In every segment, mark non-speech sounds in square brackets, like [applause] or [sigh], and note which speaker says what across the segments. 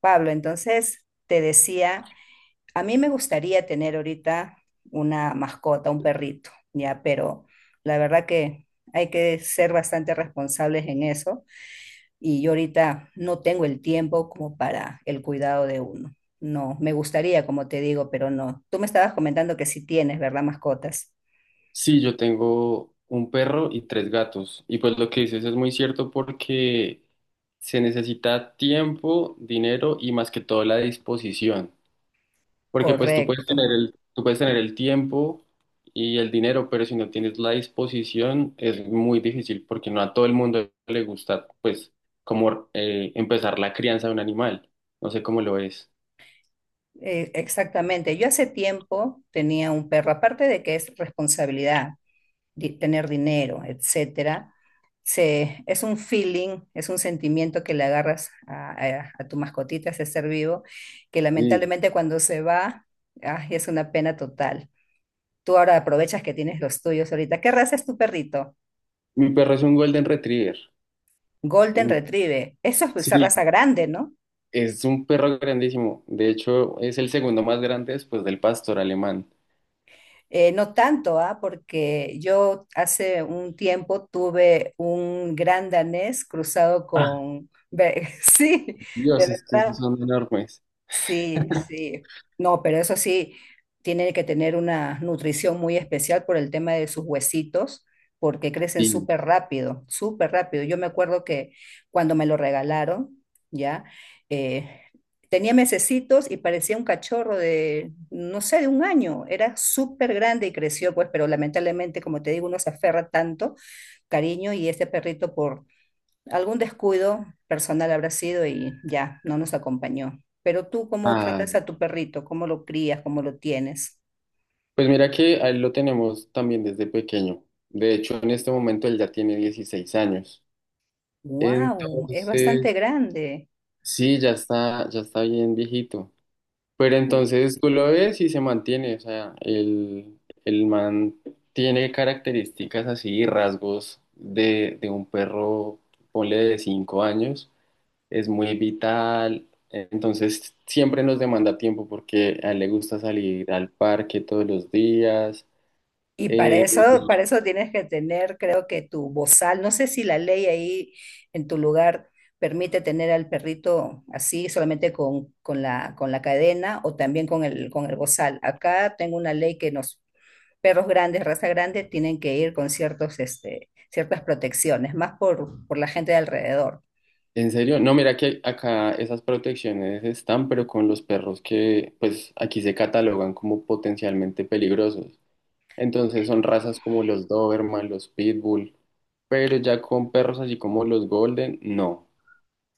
Speaker 1: Pablo, entonces te decía, a mí me gustaría tener ahorita una mascota, un perrito, ya, pero la verdad que hay que ser bastante responsables en eso y yo ahorita no tengo el tiempo como para el cuidado de uno. No, me gustaría, como te digo, pero no. Tú me estabas comentando que sí tienes, ¿verdad? Mascotas.
Speaker 2: Sí, yo tengo un perro y tres gatos. Y pues lo que dices es muy cierto porque se necesita tiempo, dinero y más que todo la disposición. Porque pues tú puedes
Speaker 1: Correcto.
Speaker 2: tener el, tú puedes tener el tiempo y el dinero, pero si no tienes la disposición es muy difícil porque no a todo el mundo le gusta pues como empezar la crianza de un animal. No sé cómo lo es.
Speaker 1: Exactamente. Yo hace tiempo tenía un perro, aparte de que es responsabilidad, tener dinero, etcétera, es un feeling, es un sentimiento que le agarras a tu mascotita, a ese ser vivo, que
Speaker 2: Sí.
Speaker 1: lamentablemente cuando se va, ay, es una pena total. Tú ahora aprovechas que tienes los tuyos ahorita. ¿Qué raza es tu perrito?
Speaker 2: Mi perro es un Golden Retriever.
Speaker 1: Golden
Speaker 2: En-
Speaker 1: Retriever. Eso es pues, esa
Speaker 2: Sí.
Speaker 1: raza grande, ¿no?
Speaker 2: Es un perro grandísimo. De hecho, es el segundo más grande después del pastor alemán.
Speaker 1: No tanto, ¿ah? Porque yo hace un tiempo tuve un gran danés cruzado
Speaker 2: Ah,
Speaker 1: con… [laughs] Sí, de
Speaker 2: Dios, es que esos
Speaker 1: verdad.
Speaker 2: son enormes.
Speaker 1: Sí, sí. No, pero eso sí, tiene que tener una nutrición muy especial por el tema de sus huesitos, porque crecen
Speaker 2: Sí.
Speaker 1: súper rápido, súper rápido. Yo me acuerdo que cuando me lo regalaron, ya, eh, tenía mesecitos y parecía un cachorro de, no sé, de un año. Era súper grande y creció, pues, pero lamentablemente, como te digo, uno se aferra tanto cariño y este perrito por algún descuido personal habrá sido y ya, no nos acompañó. Pero tú, ¿cómo
Speaker 2: Ah,
Speaker 1: tratas a tu perrito? ¿Cómo lo crías? ¿Cómo lo tienes?
Speaker 2: pues mira que a él lo tenemos también desde pequeño. De hecho, en este momento él ya tiene 16 años.
Speaker 1: ¡Wow! Es bastante
Speaker 2: Entonces,
Speaker 1: grande.
Speaker 2: sí, ya está bien viejito. Pero entonces tú lo ves y se mantiene. O sea, el man tiene características así, rasgos de un perro, ponle de 5 años. Es muy vital, entonces siempre nos demanda tiempo porque a él le gusta salir al parque todos los días.
Speaker 1: Y
Speaker 2: Eh,
Speaker 1: para eso tienes que tener, creo que tu bozal. No sé si la ley ahí en tu lugar permite tener al perrito así, solamente con la cadena o también con el bozal. Acá tengo una ley que nos perros grandes, raza grande, tienen que ir con ciertos, este, ciertas protecciones, más por la gente de alrededor.
Speaker 2: en serio, no, mira que acá esas protecciones están, pero con los perros que pues aquí se catalogan como potencialmente peligrosos. Entonces son razas como los Doberman, los Pitbull, pero ya con perros así como los Golden, no.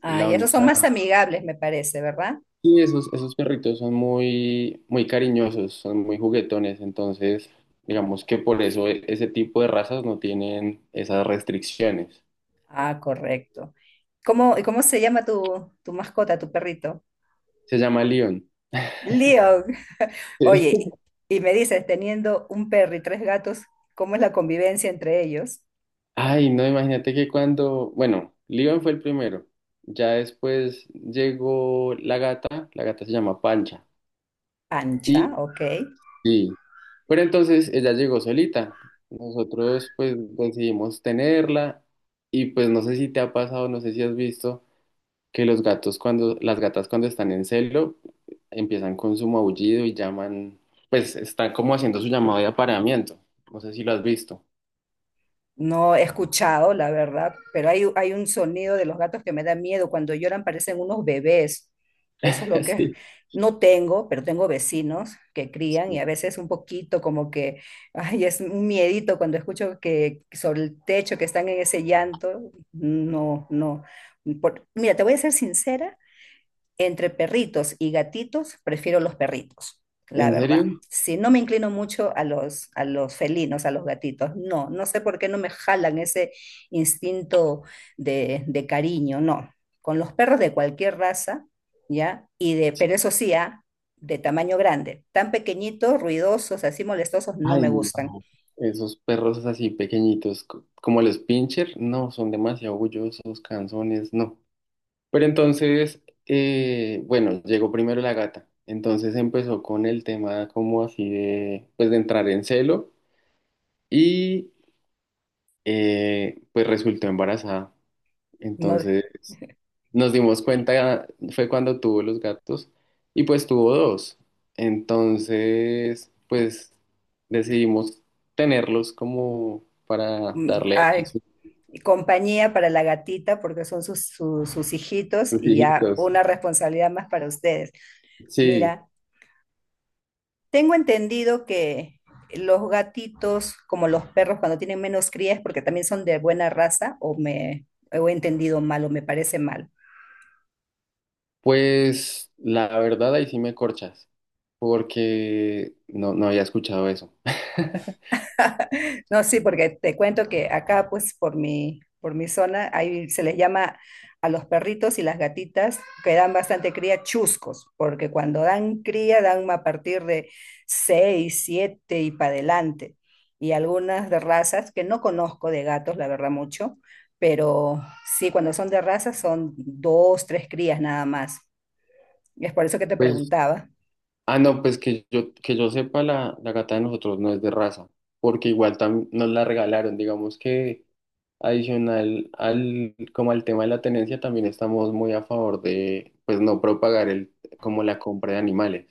Speaker 1: Ah,
Speaker 2: La
Speaker 1: y esos son
Speaker 2: única.
Speaker 1: más amigables, me parece, ¿verdad?
Speaker 2: Y esos perritos son muy, muy cariñosos, son muy juguetones, entonces digamos que por eso ese tipo de razas no tienen esas restricciones.
Speaker 1: Ah, correcto. ¿Cómo, y cómo se llama tu, tu mascota, tu perrito?
Speaker 2: Se llama León.
Speaker 1: Leon.
Speaker 2: Sí.
Speaker 1: Oye, y me dices, teniendo un perro y tres gatos, ¿cómo es la convivencia entre ellos?
Speaker 2: Ay, no, imagínate que cuando, bueno, León fue el primero, ya después llegó la gata se llama Pancha,
Speaker 1: Ancha,
Speaker 2: y
Speaker 1: ok.
Speaker 2: sí, pero entonces ella llegó solita, nosotros pues decidimos tenerla y pues no sé si te ha pasado, no sé si has visto que los gatos cuando, las gatas cuando están en celo empiezan con su maullido y llaman, pues están como haciendo su llamado de apareamiento. No sé si lo has visto.
Speaker 1: No he escuchado, la verdad, pero hay un sonido de los gatos que me da miedo. Cuando lloran parecen unos bebés. Eso es
Speaker 2: [laughs]
Speaker 1: lo que
Speaker 2: Sí,
Speaker 1: no tengo, pero tengo vecinos que crían y a
Speaker 2: sí.
Speaker 1: veces un poquito como que, ay, es un miedito cuando escucho que sobre el techo que están en ese llanto. No, no. Mira, te voy a ser sincera entre perritos y gatitos, prefiero los perritos, la
Speaker 2: ¿En
Speaker 1: verdad.
Speaker 2: serio?
Speaker 1: Si no me inclino mucho a los felinos, a los gatitos, no, no sé por qué no me jalan ese instinto de cariño, no. Con los perros de cualquier raza, ¿ya? Y de, pero eso sí, ah, de tamaño grande. Tan pequeñitos, ruidosos, así molestosos, no
Speaker 2: Ay,
Speaker 1: me gustan.
Speaker 2: no. Esos perros así pequeñitos, como los pincher, no, son demasiado orgullosos, canzones, no. Pero entonces, bueno, llegó primero la gata. Entonces empezó con el tema como así de, pues de entrar en celo y pues resultó embarazada.
Speaker 1: No,
Speaker 2: Entonces nos dimos cuenta, fue cuando tuvo los gatos y pues tuvo dos. Entonces, pues decidimos tenerlos como para
Speaker 1: mm,
Speaker 2: darle allí
Speaker 1: ay,
Speaker 2: sus
Speaker 1: y compañía para la gatita porque son sus, sus hijitos
Speaker 2: sus
Speaker 1: y ya
Speaker 2: hijitos.
Speaker 1: una responsabilidad más para ustedes.
Speaker 2: Sí,
Speaker 1: Mira, tengo entendido que los gatitos, como los perros, cuando tienen menos crías, porque también son de buena raza, o he entendido mal, o me parece mal.
Speaker 2: pues la verdad ahí sí me corchas porque no, no había escuchado eso. [laughs]
Speaker 1: No, sí, porque te cuento que acá, pues, por mi zona, ahí se les llama a los perritos y las gatitas que dan bastante cría chuscos, porque cuando dan cría dan a partir de 6 7 y para adelante. Y algunas de razas, que no conozco de gatos, la verdad, mucho, pero sí, cuando son de razas son dos, tres crías nada más. Y es por eso que te
Speaker 2: Pues,
Speaker 1: preguntaba.
Speaker 2: ah, no, pues que yo sepa, la gata de nosotros no es de raza, porque igual también nos la regalaron, digamos que adicional al, como al tema de la tenencia, también estamos muy a favor de, pues no propagar el, como la compra de animales,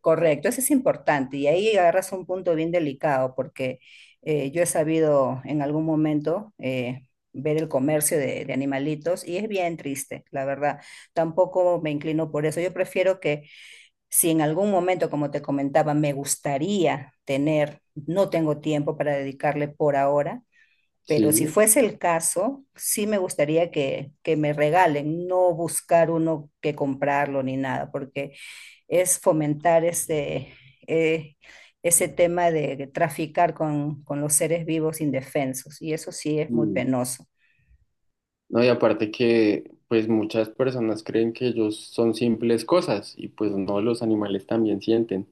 Speaker 1: Correcto, eso es importante y ahí agarras un punto bien delicado porque yo he sabido en algún momento ver el comercio de animalitos y es bien triste, la verdad. Tampoco me inclino por eso. Yo prefiero que si en algún momento, como te comentaba, me gustaría tener, no tengo tiempo para dedicarle por ahora, pero si
Speaker 2: ¿sí?
Speaker 1: fuese el caso, sí me gustaría que me regalen, no buscar uno que comprarlo ni nada, porque es fomentar ese, eh, ese tema de traficar con los seres vivos indefensos, y eso sí es muy
Speaker 2: Mm.
Speaker 1: penoso.
Speaker 2: No, y aparte que, pues muchas personas creen que ellos son simples cosas, y pues no, los animales también sienten,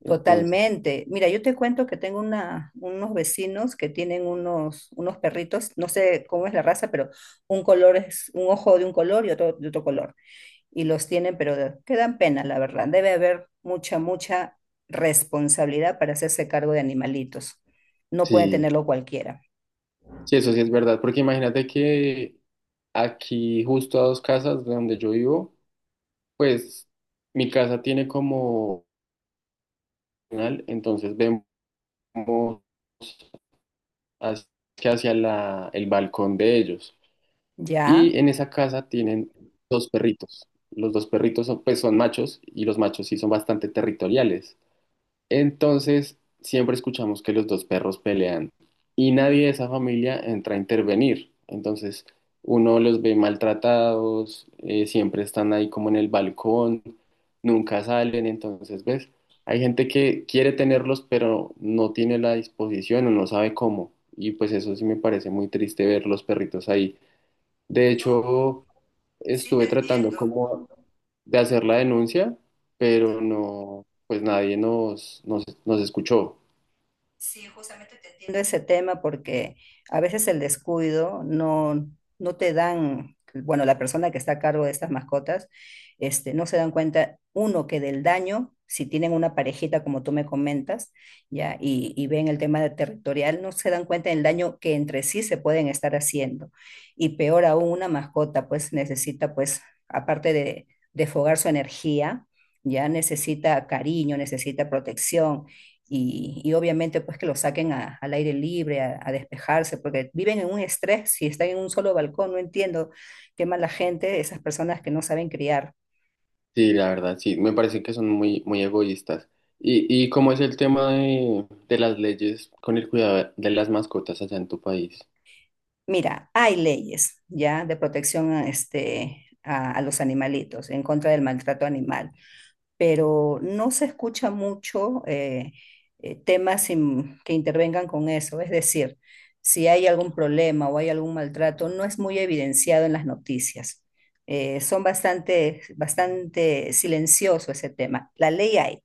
Speaker 2: entonces,
Speaker 1: Totalmente. Mira, yo te cuento que tengo una, unos vecinos que tienen unos, unos perritos, no sé cómo es la raza, pero un color es un ojo de un color y otro de otro color. Y los tienen, pero que dan pena, la verdad. Debe haber mucha, mucha responsabilidad para hacerse cargo de animalitos. No pueden
Speaker 2: sí,
Speaker 1: tenerlo cualquiera.
Speaker 2: sí, eso sí es verdad, porque imagínate que aquí, justo a dos casas de donde yo vivo. Pues mi casa tiene como canal, entonces vemos hacia el balcón de ellos.
Speaker 1: ¿Ya?
Speaker 2: Y en esa casa tienen dos perritos. Los dos perritos son machos y los machos sí son bastante territoriales. Entonces, siempre escuchamos que los dos perros pelean y nadie de esa familia entra a intervenir. Entonces, uno los ve maltratados, siempre están ahí como en el balcón, nunca salen. Entonces, ¿ves? Hay gente que quiere tenerlos, pero no tiene la disposición o no sabe cómo. Y pues eso sí me parece muy triste ver los perritos ahí. De hecho,
Speaker 1: Sí, te
Speaker 2: estuve tratando
Speaker 1: entiendo.
Speaker 2: como de hacer la denuncia, pero no, pues nadie nos escuchó.
Speaker 1: Sí, justamente te entiendo ese tema porque a veces el descuido no, no te dan, bueno, la persona que está a cargo de estas mascotas, este, no se dan cuenta, uno, que del daño, si tienen una parejita como tú me comentas, ya, y ven el tema de territorial, no se dan cuenta del daño que entre sí se pueden estar haciendo. Y peor aún, una mascota pues necesita pues, aparte de fogar su energía, ya necesita cariño, necesita protección y obviamente pues que lo saquen al aire libre, a despejarse, porque viven en un estrés, si están en un solo balcón, no entiendo qué mala gente, esas personas que no saben criar.
Speaker 2: Sí, la verdad, sí, me parece que son muy, muy egoístas. ¿Y cómo es el tema de las leyes con el cuidado de las mascotas allá en tu país?
Speaker 1: Mira, hay leyes ya de protección a, este, a los animalitos, en contra del maltrato animal. Pero no se escucha mucho temas que intervengan con eso. Es decir, si hay algún problema o hay algún maltrato, no es muy evidenciado en las noticias. Son bastante, bastante silencioso ese tema. La ley hay,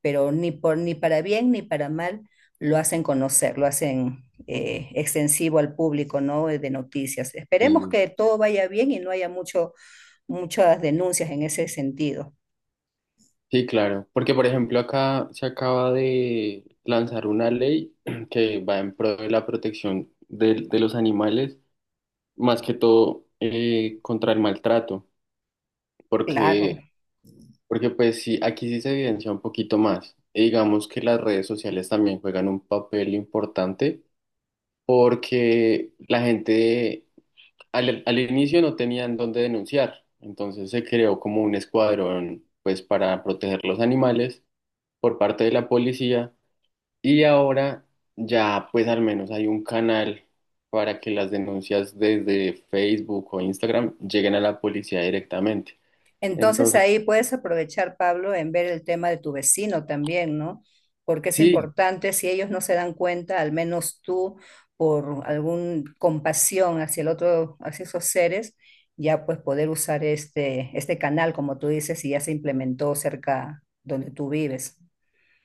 Speaker 1: pero ni por, ni para bien ni para mal lo hacen conocer, lo hacen extensivo al público, ¿no? De noticias. Esperemos
Speaker 2: Sí.
Speaker 1: que todo vaya bien y no haya mucho, muchas denuncias en ese sentido.
Speaker 2: Sí, claro, porque por ejemplo acá se acaba de lanzar una ley [clears throat] que va en pro de la protección de los animales, más que todo contra el maltrato,
Speaker 1: Claro.
Speaker 2: porque. Porque pues sí, aquí sí se evidencia un poquito más. Y digamos que las redes sociales también juegan un papel importante porque la gente al inicio no tenían dónde denunciar. Entonces se creó como un escuadrón pues para proteger los animales por parte de la policía y ahora ya pues al menos hay un canal para que las denuncias desde Facebook o Instagram lleguen a la policía directamente.
Speaker 1: Entonces
Speaker 2: Entonces,
Speaker 1: ahí puedes aprovechar, Pablo, en ver el tema de tu vecino también, ¿no? Porque es
Speaker 2: sí.
Speaker 1: importante, si ellos no se dan cuenta, al menos tú, por alguna compasión hacia el otro, hacia esos seres, ya pues poder usar este, este canal, como tú dices, y ya se implementó cerca donde tú vives.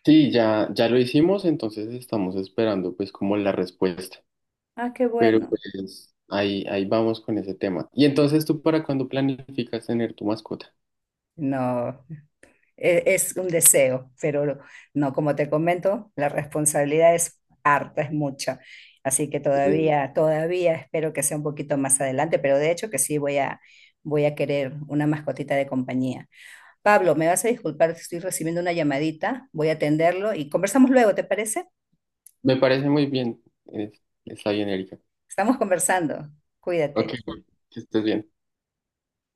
Speaker 2: Sí, ya, ya lo hicimos, entonces estamos esperando pues como la respuesta.
Speaker 1: Ah, qué
Speaker 2: Pero
Speaker 1: bueno.
Speaker 2: pues ahí, ahí vamos con ese tema. ¿Y entonces tú para cuándo planificas tener tu mascota?
Speaker 1: No. Es un deseo, pero no, como te comento, la responsabilidad es harta, es mucha. Así que
Speaker 2: Eh,
Speaker 1: todavía, todavía espero que sea un poquito más adelante, pero de hecho que sí voy a, voy a querer una mascotita de compañía. Pablo, me vas a disculpar, si estoy recibiendo una llamadita, voy a atenderlo y conversamos luego, ¿te parece?
Speaker 2: Me parece muy bien. Está bien, Erika.
Speaker 1: Estamos conversando. Cuídate.
Speaker 2: Ok, que estés bien.